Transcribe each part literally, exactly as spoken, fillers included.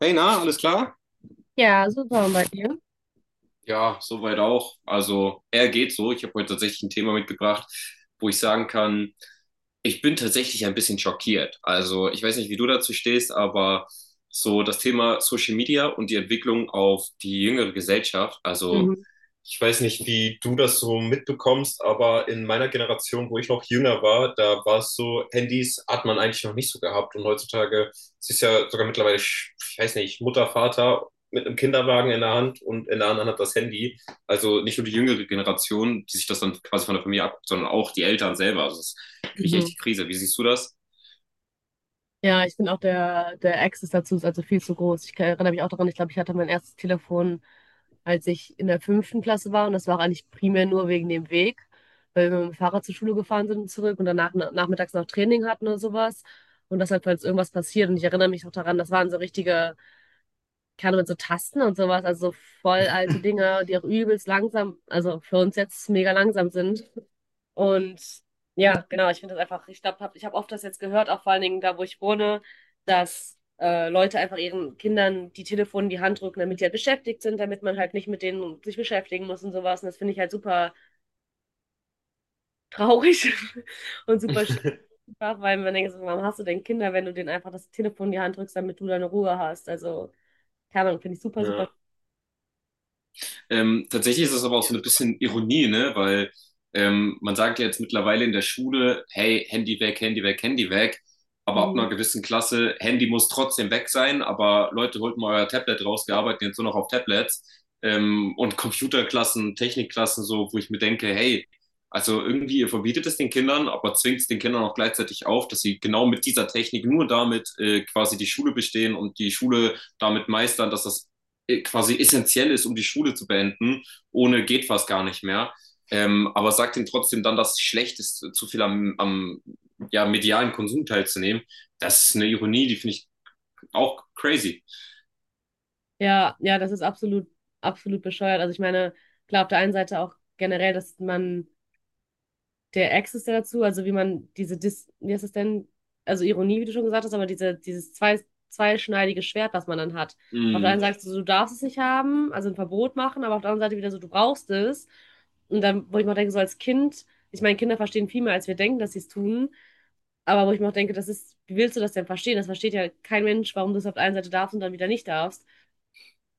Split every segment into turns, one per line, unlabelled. Hey, na, alles klar?
Ja, super. Und bei dir?
Ja, soweit auch. Also, er geht so. Ich habe heute tatsächlich ein Thema mitgebracht, wo ich sagen kann, ich bin tatsächlich ein bisschen schockiert. Also, ich weiß nicht, wie du dazu stehst, aber so das Thema Social Media und die Entwicklung auf die jüngere Gesellschaft. Also,
Mhm.
ich weiß nicht, wie du das so mitbekommst, aber in meiner Generation, wo ich noch jünger war, da war es so, Handys hat man eigentlich noch nicht so gehabt. Und heutzutage es ist ja sogar mittlerweile, ich weiß nicht, Mutter, Vater mit einem Kinderwagen in der Hand und in der anderen Hand das Handy. Also nicht nur die jüngere Generation, die sich das dann quasi von der Familie abguckt, sondern auch die Eltern selber. Also das kriege ich echt
Mhm.
die Krise. Wie siehst du das?
Ja, ich finde auch der, der Access dazu ist also viel zu groß. Ich kann- erinnere mich auch daran, ich glaube, ich hatte mein erstes Telefon, als ich in der fünften Klasse war. Und das war auch eigentlich primär nur wegen dem Weg, weil wir mit dem Fahrrad zur Schule gefahren sind und zurück und danach na- nachmittags noch Training hatten oder sowas. Und das halt, falls irgendwas passiert. Und ich erinnere mich auch daran, das waren so richtige, keine Ahnung, mit so Tasten und sowas, also so voll alte Dinge, die auch übelst langsam, also für uns jetzt mega langsam sind. Und ja, genau, ich finde das einfach, ich glaube, hab, ich habe oft das jetzt gehört, auch vor allen Dingen da, wo ich wohne, dass äh, Leute einfach ihren Kindern die Telefone in die Hand drücken, damit die halt beschäftigt sind, damit man halt nicht mit denen sich beschäftigen muss und sowas. Und das finde ich halt super traurig und super schwach, weil man denkt, so, warum hast du denn Kinder, wenn du denen einfach das Telefon in die Hand drückst, damit du deine Ruhe hast? Also, keine Ahnung, finde ich super, super.
Ja. Ähm, tatsächlich ist es aber auch so ein bisschen Ironie, ne? Weil ähm, man sagt ja jetzt mittlerweile in der Schule, hey, Handy weg, Handy weg, Handy weg. Aber ab einer
Mhm.
gewissen Klasse, Handy muss trotzdem weg sein, aber Leute, holt mal euer Tablet raus, wir arbeiten jetzt nur noch auf Tablets. Ähm, und Computerklassen, Technikklassen, so, wo ich mir denke, hey, also irgendwie, ihr verbietet es den Kindern, aber zwingt es den Kindern auch gleichzeitig auf, dass sie genau mit dieser Technik nur damit äh, quasi die Schule bestehen und die Schule damit meistern, dass das äh, quasi essentiell ist, um die Schule zu beenden. Ohne geht fast gar nicht mehr. Ähm, aber sagt ihm trotzdem dann, dass es schlecht ist, zu viel am, am ja, medialen Konsum teilzunehmen. Das ist eine Ironie, die finde ich auch crazy.
Ja, ja, das ist absolut, absolut bescheuert. Also ich meine, klar, auf der einen Seite auch generell, dass man der Access der dazu, also wie man diese Dis, wie heißt es denn, also Ironie, wie du schon gesagt hast, aber diese, dieses zwei, zweischneidige Schwert, was man dann hat. Auf der
Mhm.
einen Seite sagst du, du darfst es nicht haben, also ein Verbot machen, aber auf der anderen Seite wieder so, du brauchst es. Und dann, wo ich mir auch denke, so als Kind, ich meine, Kinder verstehen viel mehr, als wir denken, dass sie es tun, aber wo ich mir auch denke, das ist, wie willst du das denn verstehen? Das versteht ja kein Mensch, warum du es auf der einen Seite darfst und dann wieder nicht darfst.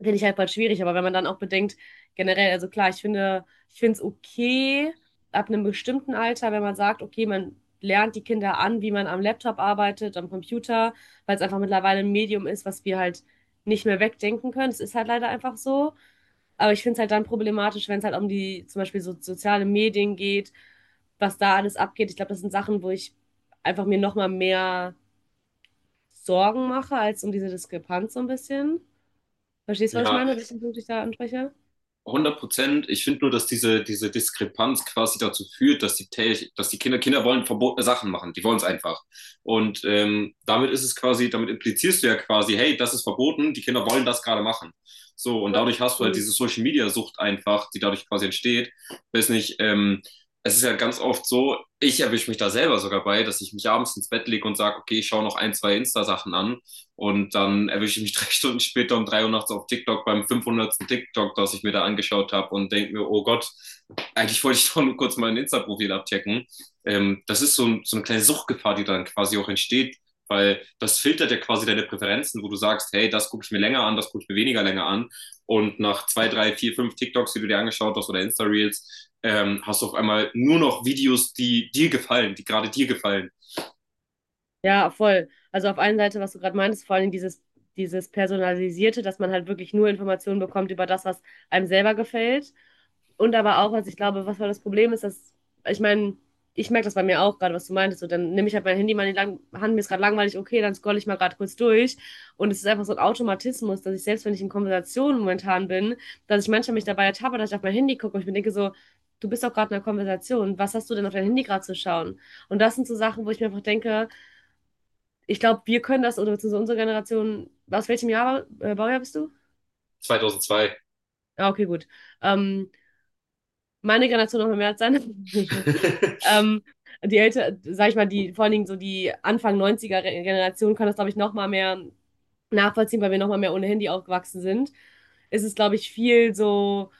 Finde ich halt voll schwierig, aber wenn man dann auch bedenkt, generell, also klar, ich finde, ich finde es okay, ab einem bestimmten Alter, wenn man sagt, okay, man lernt die Kinder an, wie man am Laptop arbeitet, am Computer, weil es einfach mittlerweile ein Medium ist, was wir halt nicht mehr wegdenken können. Es ist halt leider einfach so. Aber ich finde es halt dann problematisch, wenn es halt um die zum Beispiel so soziale Medien geht, was da alles abgeht. Ich glaube, das sind Sachen, wo ich einfach mir nochmal mehr Sorgen mache, als um diese Diskrepanz so ein bisschen. Verstehst du, was ich
Ja,
meine? Welchen Punkt ich da anspreche?
hundert Prozent. Ich finde nur, dass diese, diese Diskrepanz quasi dazu führt, dass die, Tel- dass die Kinder, Kinder wollen verbotene Sachen machen. Die wollen es einfach. Und ähm, damit ist es quasi, damit implizierst du ja quasi, hey, das ist verboten, die Kinder wollen das gerade machen. So, und dadurch hast du halt diese
Mhm.
Social Media Sucht einfach, die dadurch quasi entsteht. Weiß nicht, ähm, es ist ja ganz oft so, ich erwische mich da selber sogar bei, dass ich mich abends ins Bett lege und sage, okay, ich schaue noch ein, zwei Insta-Sachen an und dann erwische ich mich drei Stunden später um drei Uhr nachts auf TikTok beim fünfhundertsten TikTok, das ich mir da angeschaut habe und denke mir, oh Gott, eigentlich wollte ich doch nur kurz mein Insta-Profil abchecken. Ähm, das ist so, ein, so eine kleine Suchtgefahr, die dann quasi auch entsteht, weil das filtert ja quasi deine Präferenzen, wo du sagst, hey, das gucke ich mir länger an, das gucke ich mir weniger länger an. Und nach zwei, drei, vier, fünf TikToks, die du dir angeschaut hast oder Insta-Reels, ähm, hast du auf einmal nur noch Videos, die dir gefallen, die gerade dir gefallen.
Ja, voll. Also auf einer Seite, was du gerade meintest, vor allem dieses, dieses Personalisierte, dass man halt wirklich nur Informationen bekommt über das, was einem selber gefällt. Und aber auch, was ich glaube, was voll das Problem ist, dass, ich meine, ich merke das bei mir auch gerade, was du meintest. So, dann nehme ich halt mein Handy mal in die lang Hand, mir ist gerade langweilig, okay, dann scrolle ich mal gerade kurz durch. Und es ist einfach so ein Automatismus, dass ich selbst, wenn ich in Konversationen momentan bin, dass ich manchmal mich dabei ertappe, dass ich auf mein Handy gucke und ich mir denke so, du bist doch gerade in einer Konversation, was hast du denn auf dein Handy gerade zu schauen? Und das sind so Sachen, wo ich mir einfach denke, ich glaube, wir können das, oder beziehungsweise unsere Generation, aus welchem Jahr, äh, Baujahr bist du?
zweitausendzwei.
Ah, okay, gut. Ähm, meine Generation noch mal mehr als seine. ähm, die älter, sag ich mal, die, vor allen Dingen so die Anfang neunziger Re- Generation kann das, glaube ich, noch mal mehr nachvollziehen, weil wir noch mal mehr ohne Handy aufgewachsen sind. Es ist, glaube ich, viel so,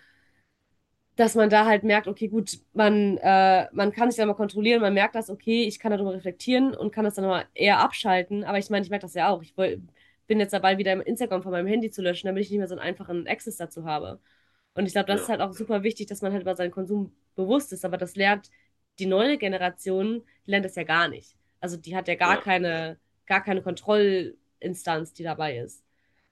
dass man da halt merkt, okay, gut, man, äh, man kann sich da mal kontrollieren, man merkt das, okay, ich kann darüber reflektieren und kann das dann mal eher abschalten. Aber ich meine, ich merke das ja auch. Ich woll, bin jetzt dabei, wieder Instagram von meinem Handy zu löschen, damit ich nicht mehr so einen einfachen Access dazu habe. Und ich glaube, das ist
Ja,
halt auch super wichtig, dass man halt über seinen Konsum bewusst ist. Aber das lernt die neue Generation, die lernt das ja gar nicht. Also die hat ja gar
ja.
keine, gar keine Kontrollinstanz, die dabei ist.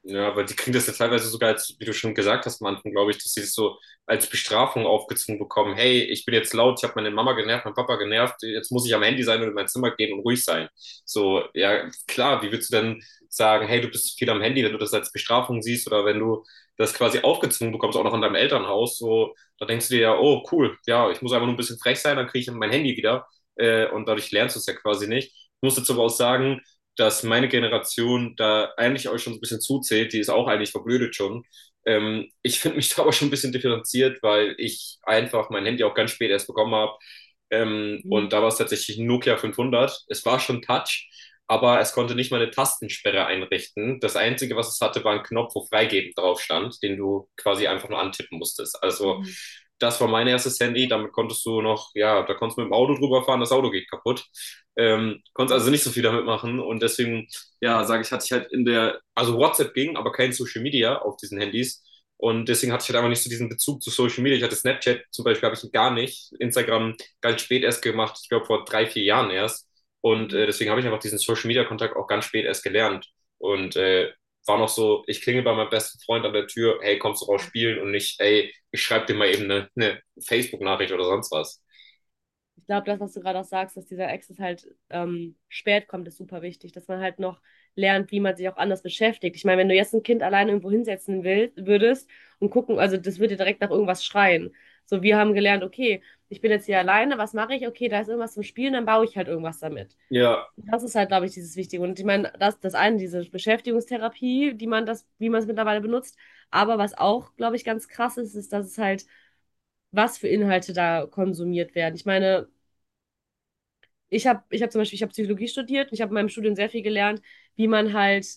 Ja, weil die kriegen das ja teilweise sogar als, wie du schon gesagt hast am Anfang, glaube ich, dass sie es so als Bestrafung aufgezwungen bekommen. Hey, ich bin jetzt laut, ich habe meine Mama genervt, meinen Papa genervt, jetzt muss ich am Handy sein und in mein Zimmer gehen und ruhig sein. So, ja, klar, wie würdest du denn sagen, hey, du bist zu viel am Handy, wenn du das als Bestrafung siehst oder wenn du das quasi aufgezwungen bekommst, auch noch in deinem Elternhaus, so, da denkst du dir ja, oh, cool, ja, ich muss einfach nur ein bisschen frech sein, dann kriege ich mein Handy wieder äh, und dadurch lernst du es ja quasi nicht. Ich muss jetzt aber auch sagen, dass meine Generation da eigentlich euch schon so ein bisschen zuzählt, die ist auch eigentlich verblödet schon. Ähm, ich finde mich da aber schon ein bisschen differenziert, weil ich einfach mein Handy auch ganz spät erst bekommen habe. Ähm,
Mhm.
und da war es tatsächlich ein Nokia fünfhundert. Es war schon Touch, aber es konnte nicht mal eine Tastensperre einrichten. Das Einzige, was es hatte, war ein Knopf, wo freigeben drauf stand, den du quasi einfach nur antippen musstest. Also
Mhm.
das war mein erstes Handy, damit konntest du noch, ja, da konntest du mit dem Auto drüber fahren, das Auto geht kaputt. Ähm, konntest also nicht so viel damit machen und deswegen, ja, sage ich, hatte ich halt in der, also WhatsApp ging, aber kein Social Media auf diesen Handys und deswegen hatte ich halt einfach nicht so diesen Bezug zu Social Media. Ich hatte Snapchat zum Beispiel, habe ich gar nicht, Instagram ganz spät erst gemacht, ich glaube vor drei, vier Jahren erst und
Ja,
äh, deswegen habe ich einfach diesen Social Media Kontakt auch ganz spät erst gelernt. Und äh, war noch so, ich klingel bei meinem besten Freund an der Tür, hey, kommst du raus spielen? Und nicht, ey, ich schreibe dir mal eben eine, eine Facebook-Nachricht oder sonst was.
ich glaube, das, was du gerade auch sagst, dass dieser Access halt ähm, spät kommt, ist super wichtig, dass man halt noch lernt, wie man sich auch anders beschäftigt. Ich meine, wenn du jetzt ein Kind alleine irgendwo hinsetzen will, würdest und gucken, also das würde direkt nach irgendwas schreien. So, wir haben gelernt, okay, ich bin jetzt hier alleine, was mache ich? Okay, da ist irgendwas zum Spielen, dann baue ich halt irgendwas damit.
Ja,
Das ist halt, glaube ich, dieses Wichtige. Und ich meine, das, das eine, diese Beschäftigungstherapie, die man das, wie man es mittlerweile benutzt. Aber was auch, glaube ich, ganz krass ist, ist, dass es halt, was für Inhalte da konsumiert werden. Ich meine, ich habe ich hab zum Beispiel, ich habe Psychologie studiert und ich habe in meinem Studium sehr viel gelernt, wie man halt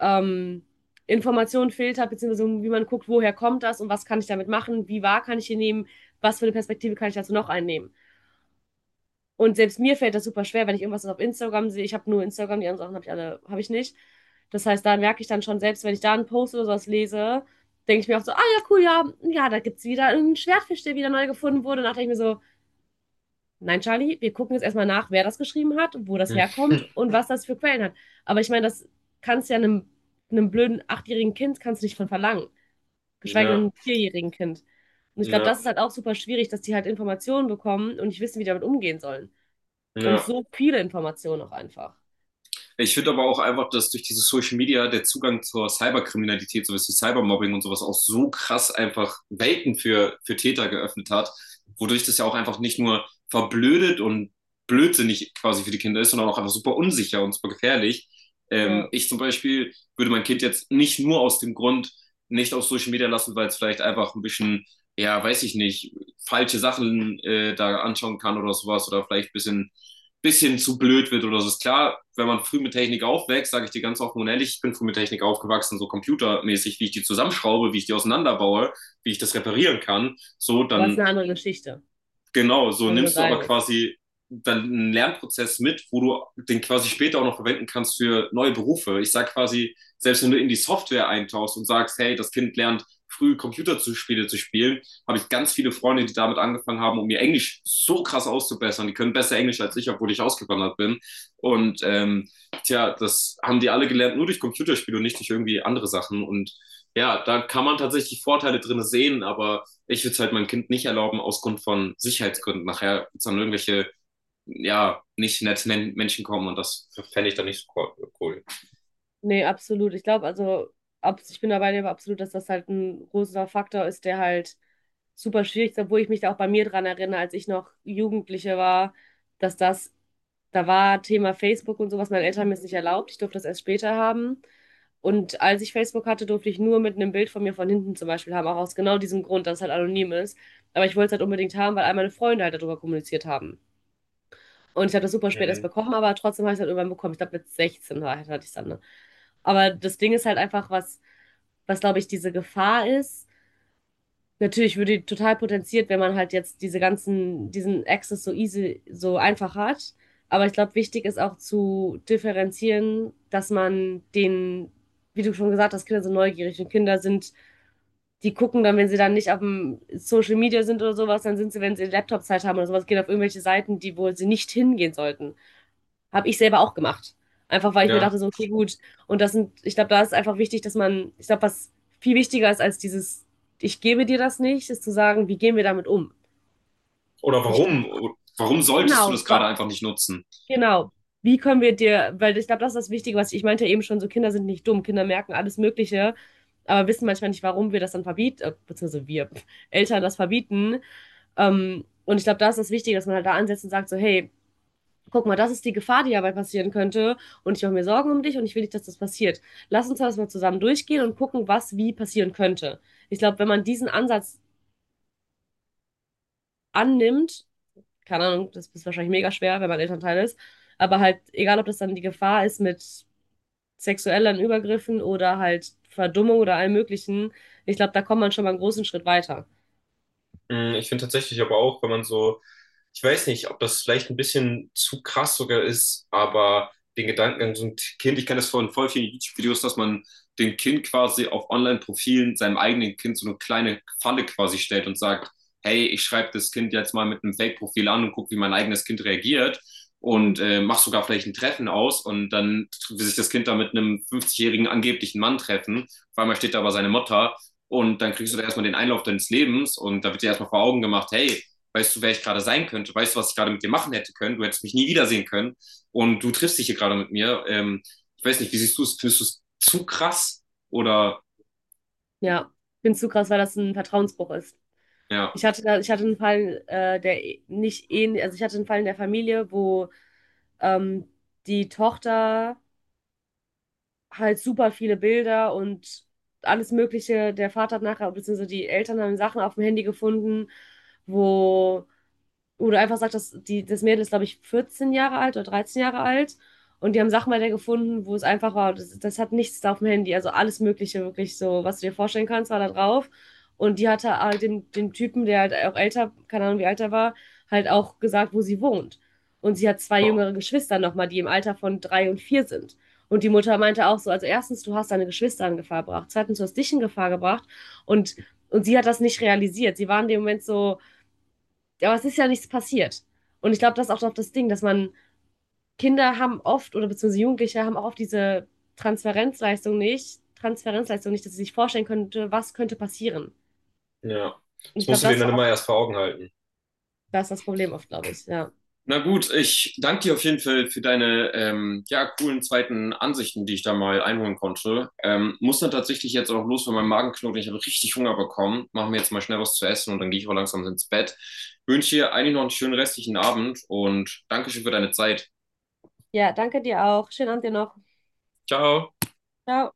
ähm, Informationen filtert, beziehungsweise wie man guckt, woher kommt das und was kann ich damit machen, wie wahr kann ich hier nehmen, was für eine Perspektive kann ich dazu noch einnehmen. Und selbst mir fällt das super schwer, wenn ich irgendwas auf Instagram sehe. Ich habe nur Instagram, die anderen Sachen habe ich alle, habe ich nicht. Das heißt, da merke ich dann schon, selbst wenn ich da einen Post oder sowas lese, denke ich mir auch so, ah ja, cool, ja, ja, da gibt es wieder einen Schwertfisch, der wieder neu gefunden wurde. Und dann dachte ich mir so, nein, Charlie, wir gucken jetzt erstmal nach, wer das geschrieben hat, wo das herkommt und was das für Quellen hat. Aber ich meine, das kannst ja einem, einem blöden achtjährigen Kind kannst du nicht von verlangen, geschweige denn
na,
einem vierjährigen Kind. Und ich glaube, das
na,
ist halt auch super schwierig, dass die halt Informationen bekommen und nicht wissen, wie die damit umgehen sollen. Und
na.
so viele Informationen auch einfach.
Ich finde aber auch einfach, dass durch diese Social Media der Zugang zur Cyberkriminalität, sowas wie Cybermobbing und sowas auch so krass einfach Welten für, für Täter geöffnet hat, wodurch das ja auch einfach nicht nur verblödet und blödsinnig quasi für die Kinder ist, sondern auch einfach super unsicher und super gefährlich. Ähm,
Ja,
ich zum Beispiel würde mein Kind jetzt nicht nur aus dem Grund nicht auf Social Media lassen, weil es vielleicht einfach ein bisschen, ja, weiß ich nicht, falsche Sachen äh, da anschauen kann oder sowas oder vielleicht ein bisschen bisschen zu blöd wird oder so. Ist klar, wenn man früh mit Technik aufwächst, sage ich dir ganz offen und ehrlich, ich bin früh mit Technik aufgewachsen, so computermäßig, wie ich die zusammenschraube, wie ich die auseinanderbaue, wie ich das reparieren kann, so,
aber es ist
dann
eine andere Geschichte.
genau, so
Da sind wir uns
nimmst du aber
einig.
quasi dann einen Lernprozess mit, wo du den quasi später auch noch verwenden kannst für neue Berufe. Ich sage quasi, selbst wenn du in die Software eintauchst und sagst, hey, das Kind lernt früh Computerspiele zu spielen, habe ich ganz viele Freunde, die damit angefangen haben, um ihr Englisch so krass auszubessern. Die können besser Englisch als ich, obwohl ich ausgewandert bin. Und ähm, tja, das haben die alle gelernt, nur durch Computerspiele und nicht durch irgendwie andere Sachen. Und ja, da kann man tatsächlich Vorteile drin sehen, aber ich würde es halt meinem Kind nicht erlauben, aus Grund von Sicherheitsgründen. Nachher wird dann irgendwelche, ja, nicht netten Menschen kommen und das fände ich dann nicht so cool.
Nee, absolut. Ich glaube, also, ab, ich bin dabei, aber absolut, dass das halt ein großer Faktor ist, der halt super schwierig, obwohl ich mich da auch bei mir dran erinnere, als ich noch Jugendliche war, dass das, da war Thema Facebook und sowas, meine Eltern haben mir es nicht erlaubt, ich durfte das erst später haben. Und als ich Facebook hatte, durfte ich nur mit einem Bild von mir von hinten zum Beispiel haben, auch aus genau diesem Grund, dass es halt anonym ist. Aber ich wollte es halt unbedingt haben, weil all meine Freunde halt darüber kommuniziert haben. Und ich habe das super spät erst
Mhm.
bekommen, aber trotzdem habe ich es halt irgendwann bekommen. Ich glaube, mit sechzehn war- hatte ich es dann, ne? Aber das Ding ist halt einfach, was, was, glaube ich, diese Gefahr ist. Natürlich würde die total potenziert, wenn man halt jetzt diese ganzen, diesen Access so easy, so einfach hat. Aber ich glaube, wichtig ist auch zu differenzieren, dass man den, wie du schon gesagt hast, Kinder sind neugierig und Kinder sind, die gucken dann, wenn sie dann nicht auf dem Social Media sind oder sowas, dann sind sie, wenn sie Laptop-Zeit haben oder sowas, gehen auf irgendwelche Seiten, die, wo sie nicht hingehen sollten, habe ich selber auch gemacht. Einfach weil ich mir dachte,
Ja.
so, okay, gut. Und das sind, ich glaube, da ist einfach wichtig, dass man, ich glaube, was viel wichtiger ist als dieses, ich gebe dir das nicht, ist zu sagen, wie gehen wir damit um?
Oder
Ich,
warum? Warum solltest du
genau,
das gerade
wa-
einfach nicht nutzen?
genau. Wie können wir dir, weil ich glaube, das ist das Wichtige, was ich, ich meinte ja eben schon, so Kinder sind nicht dumm, Kinder merken alles Mögliche, aber wissen manchmal nicht, warum wir das dann verbieten, äh, beziehungsweise wir Eltern das verbieten. Ähm, und ich glaube, da ist das Wichtige, dass man halt da ansetzt und sagt, so, hey, guck mal, das ist die Gefahr, die dabei passieren könnte, und ich mache mir Sorgen um dich und ich will nicht, dass das passiert. Lass uns das mal zusammen durchgehen und gucken, was wie passieren könnte. Ich glaube, wenn man diesen Ansatz annimmt, keine Ahnung, das ist wahrscheinlich mega schwer, wenn man Elternteil ist, aber halt, egal ob das dann die Gefahr ist mit sexuellen Übergriffen oder halt Verdummung oder allem Möglichen, ich glaube, da kommt man schon mal einen großen Schritt weiter.
Mm, Ich finde tatsächlich aber auch, wenn man so, ich weiß nicht, ob das vielleicht ein bisschen zu krass sogar ist, aber den Gedankengang, so ein Kind, ich kenne das von voll vielen YouTube-Videos, dass man dem Kind quasi auf Online-Profilen, seinem eigenen Kind, so eine kleine Falle quasi stellt und sagt, hey, ich schreibe das Kind jetzt mal mit einem Fake-Profil an und gucke, wie mein eigenes Kind reagiert
Hm.
und äh, mach sogar vielleicht ein Treffen aus und dann will sich das Kind da mit einem fünfzig-jährigen angeblichen Mann treffen. Auf einmal steht da aber seine Mutter und dann kriegst du da erstmal den Einlauf deines Lebens und da wird dir erstmal vor Augen gemacht, hey, weißt du, wer ich gerade sein könnte, weißt du, was ich gerade mit dir machen hätte können, du hättest mich nie wiedersehen können und du triffst dich hier gerade mit mir. Ähm, ich weiß nicht, wie siehst du es? Findest du es zu krass? Oder
Ja, ich finde es zu krass, weil das ein Vertrauensbruch ist.
ja.
Ich hatte da, ich hatte einen Fall, äh, der eh- nicht ähnlich, also ich hatte einen Fall in der Familie, wo ähm, die Tochter halt super viele Bilder und alles Mögliche, der Vater hat nachher, beziehungsweise die Eltern haben Sachen auf dem Handy gefunden, wo wo einfach sagt dass die, das Mädel ist, glaube ich, vierzehn Jahre alt oder dreizehn Jahre alt. Und die haben Sachmelder gefunden, wo es einfach war, das, das hat nichts da auf dem Handy, also alles Mögliche wirklich so, was du dir vorstellen kannst, war da drauf. Und die hatte halt dem, dem Typen, der halt auch älter, keine Ahnung wie alt er war, halt auch gesagt, wo sie wohnt. Und sie hat zwei jüngere Geschwister nochmal, die im Alter von drei und vier sind. Und die Mutter meinte auch so, also erstens, du hast deine Geschwister in Gefahr gebracht, zweitens, du hast dich in Gefahr gebracht. Und, und sie hat das nicht realisiert. Sie war in dem Moment so, aber es ist ja nichts passiert. Und ich glaube, das ist auch doch das Ding, dass man Kinder haben oft oder beziehungsweise Jugendliche haben auch oft diese Transferenzleistung nicht, Transferenzleistung nicht, dass sie sich vorstellen könnte, was könnte passieren.
Ja,
Und
das
ich
musst
glaube,
du dir
das ist
dann
auch
immer
oft,
erst vor Augen halten.
das, ist das Problem oft, glaube ich. Ja.
Na gut, ich danke dir auf jeden Fall für deine ähm, ja, coolen zweiten Ansichten, die ich da mal einholen konnte. Ähm, muss dann tatsächlich jetzt auch los, weil mein Magen knurrt. Und ich habe richtig Hunger bekommen. Machen wir jetzt mal schnell was zu essen und dann gehe ich auch langsam ins Bett. Wünsche dir eigentlich noch einen schönen restlichen Abend und Dankeschön für deine Zeit.
Ja, danke dir auch. Schönen Abend dir noch.
Ciao.
Ciao.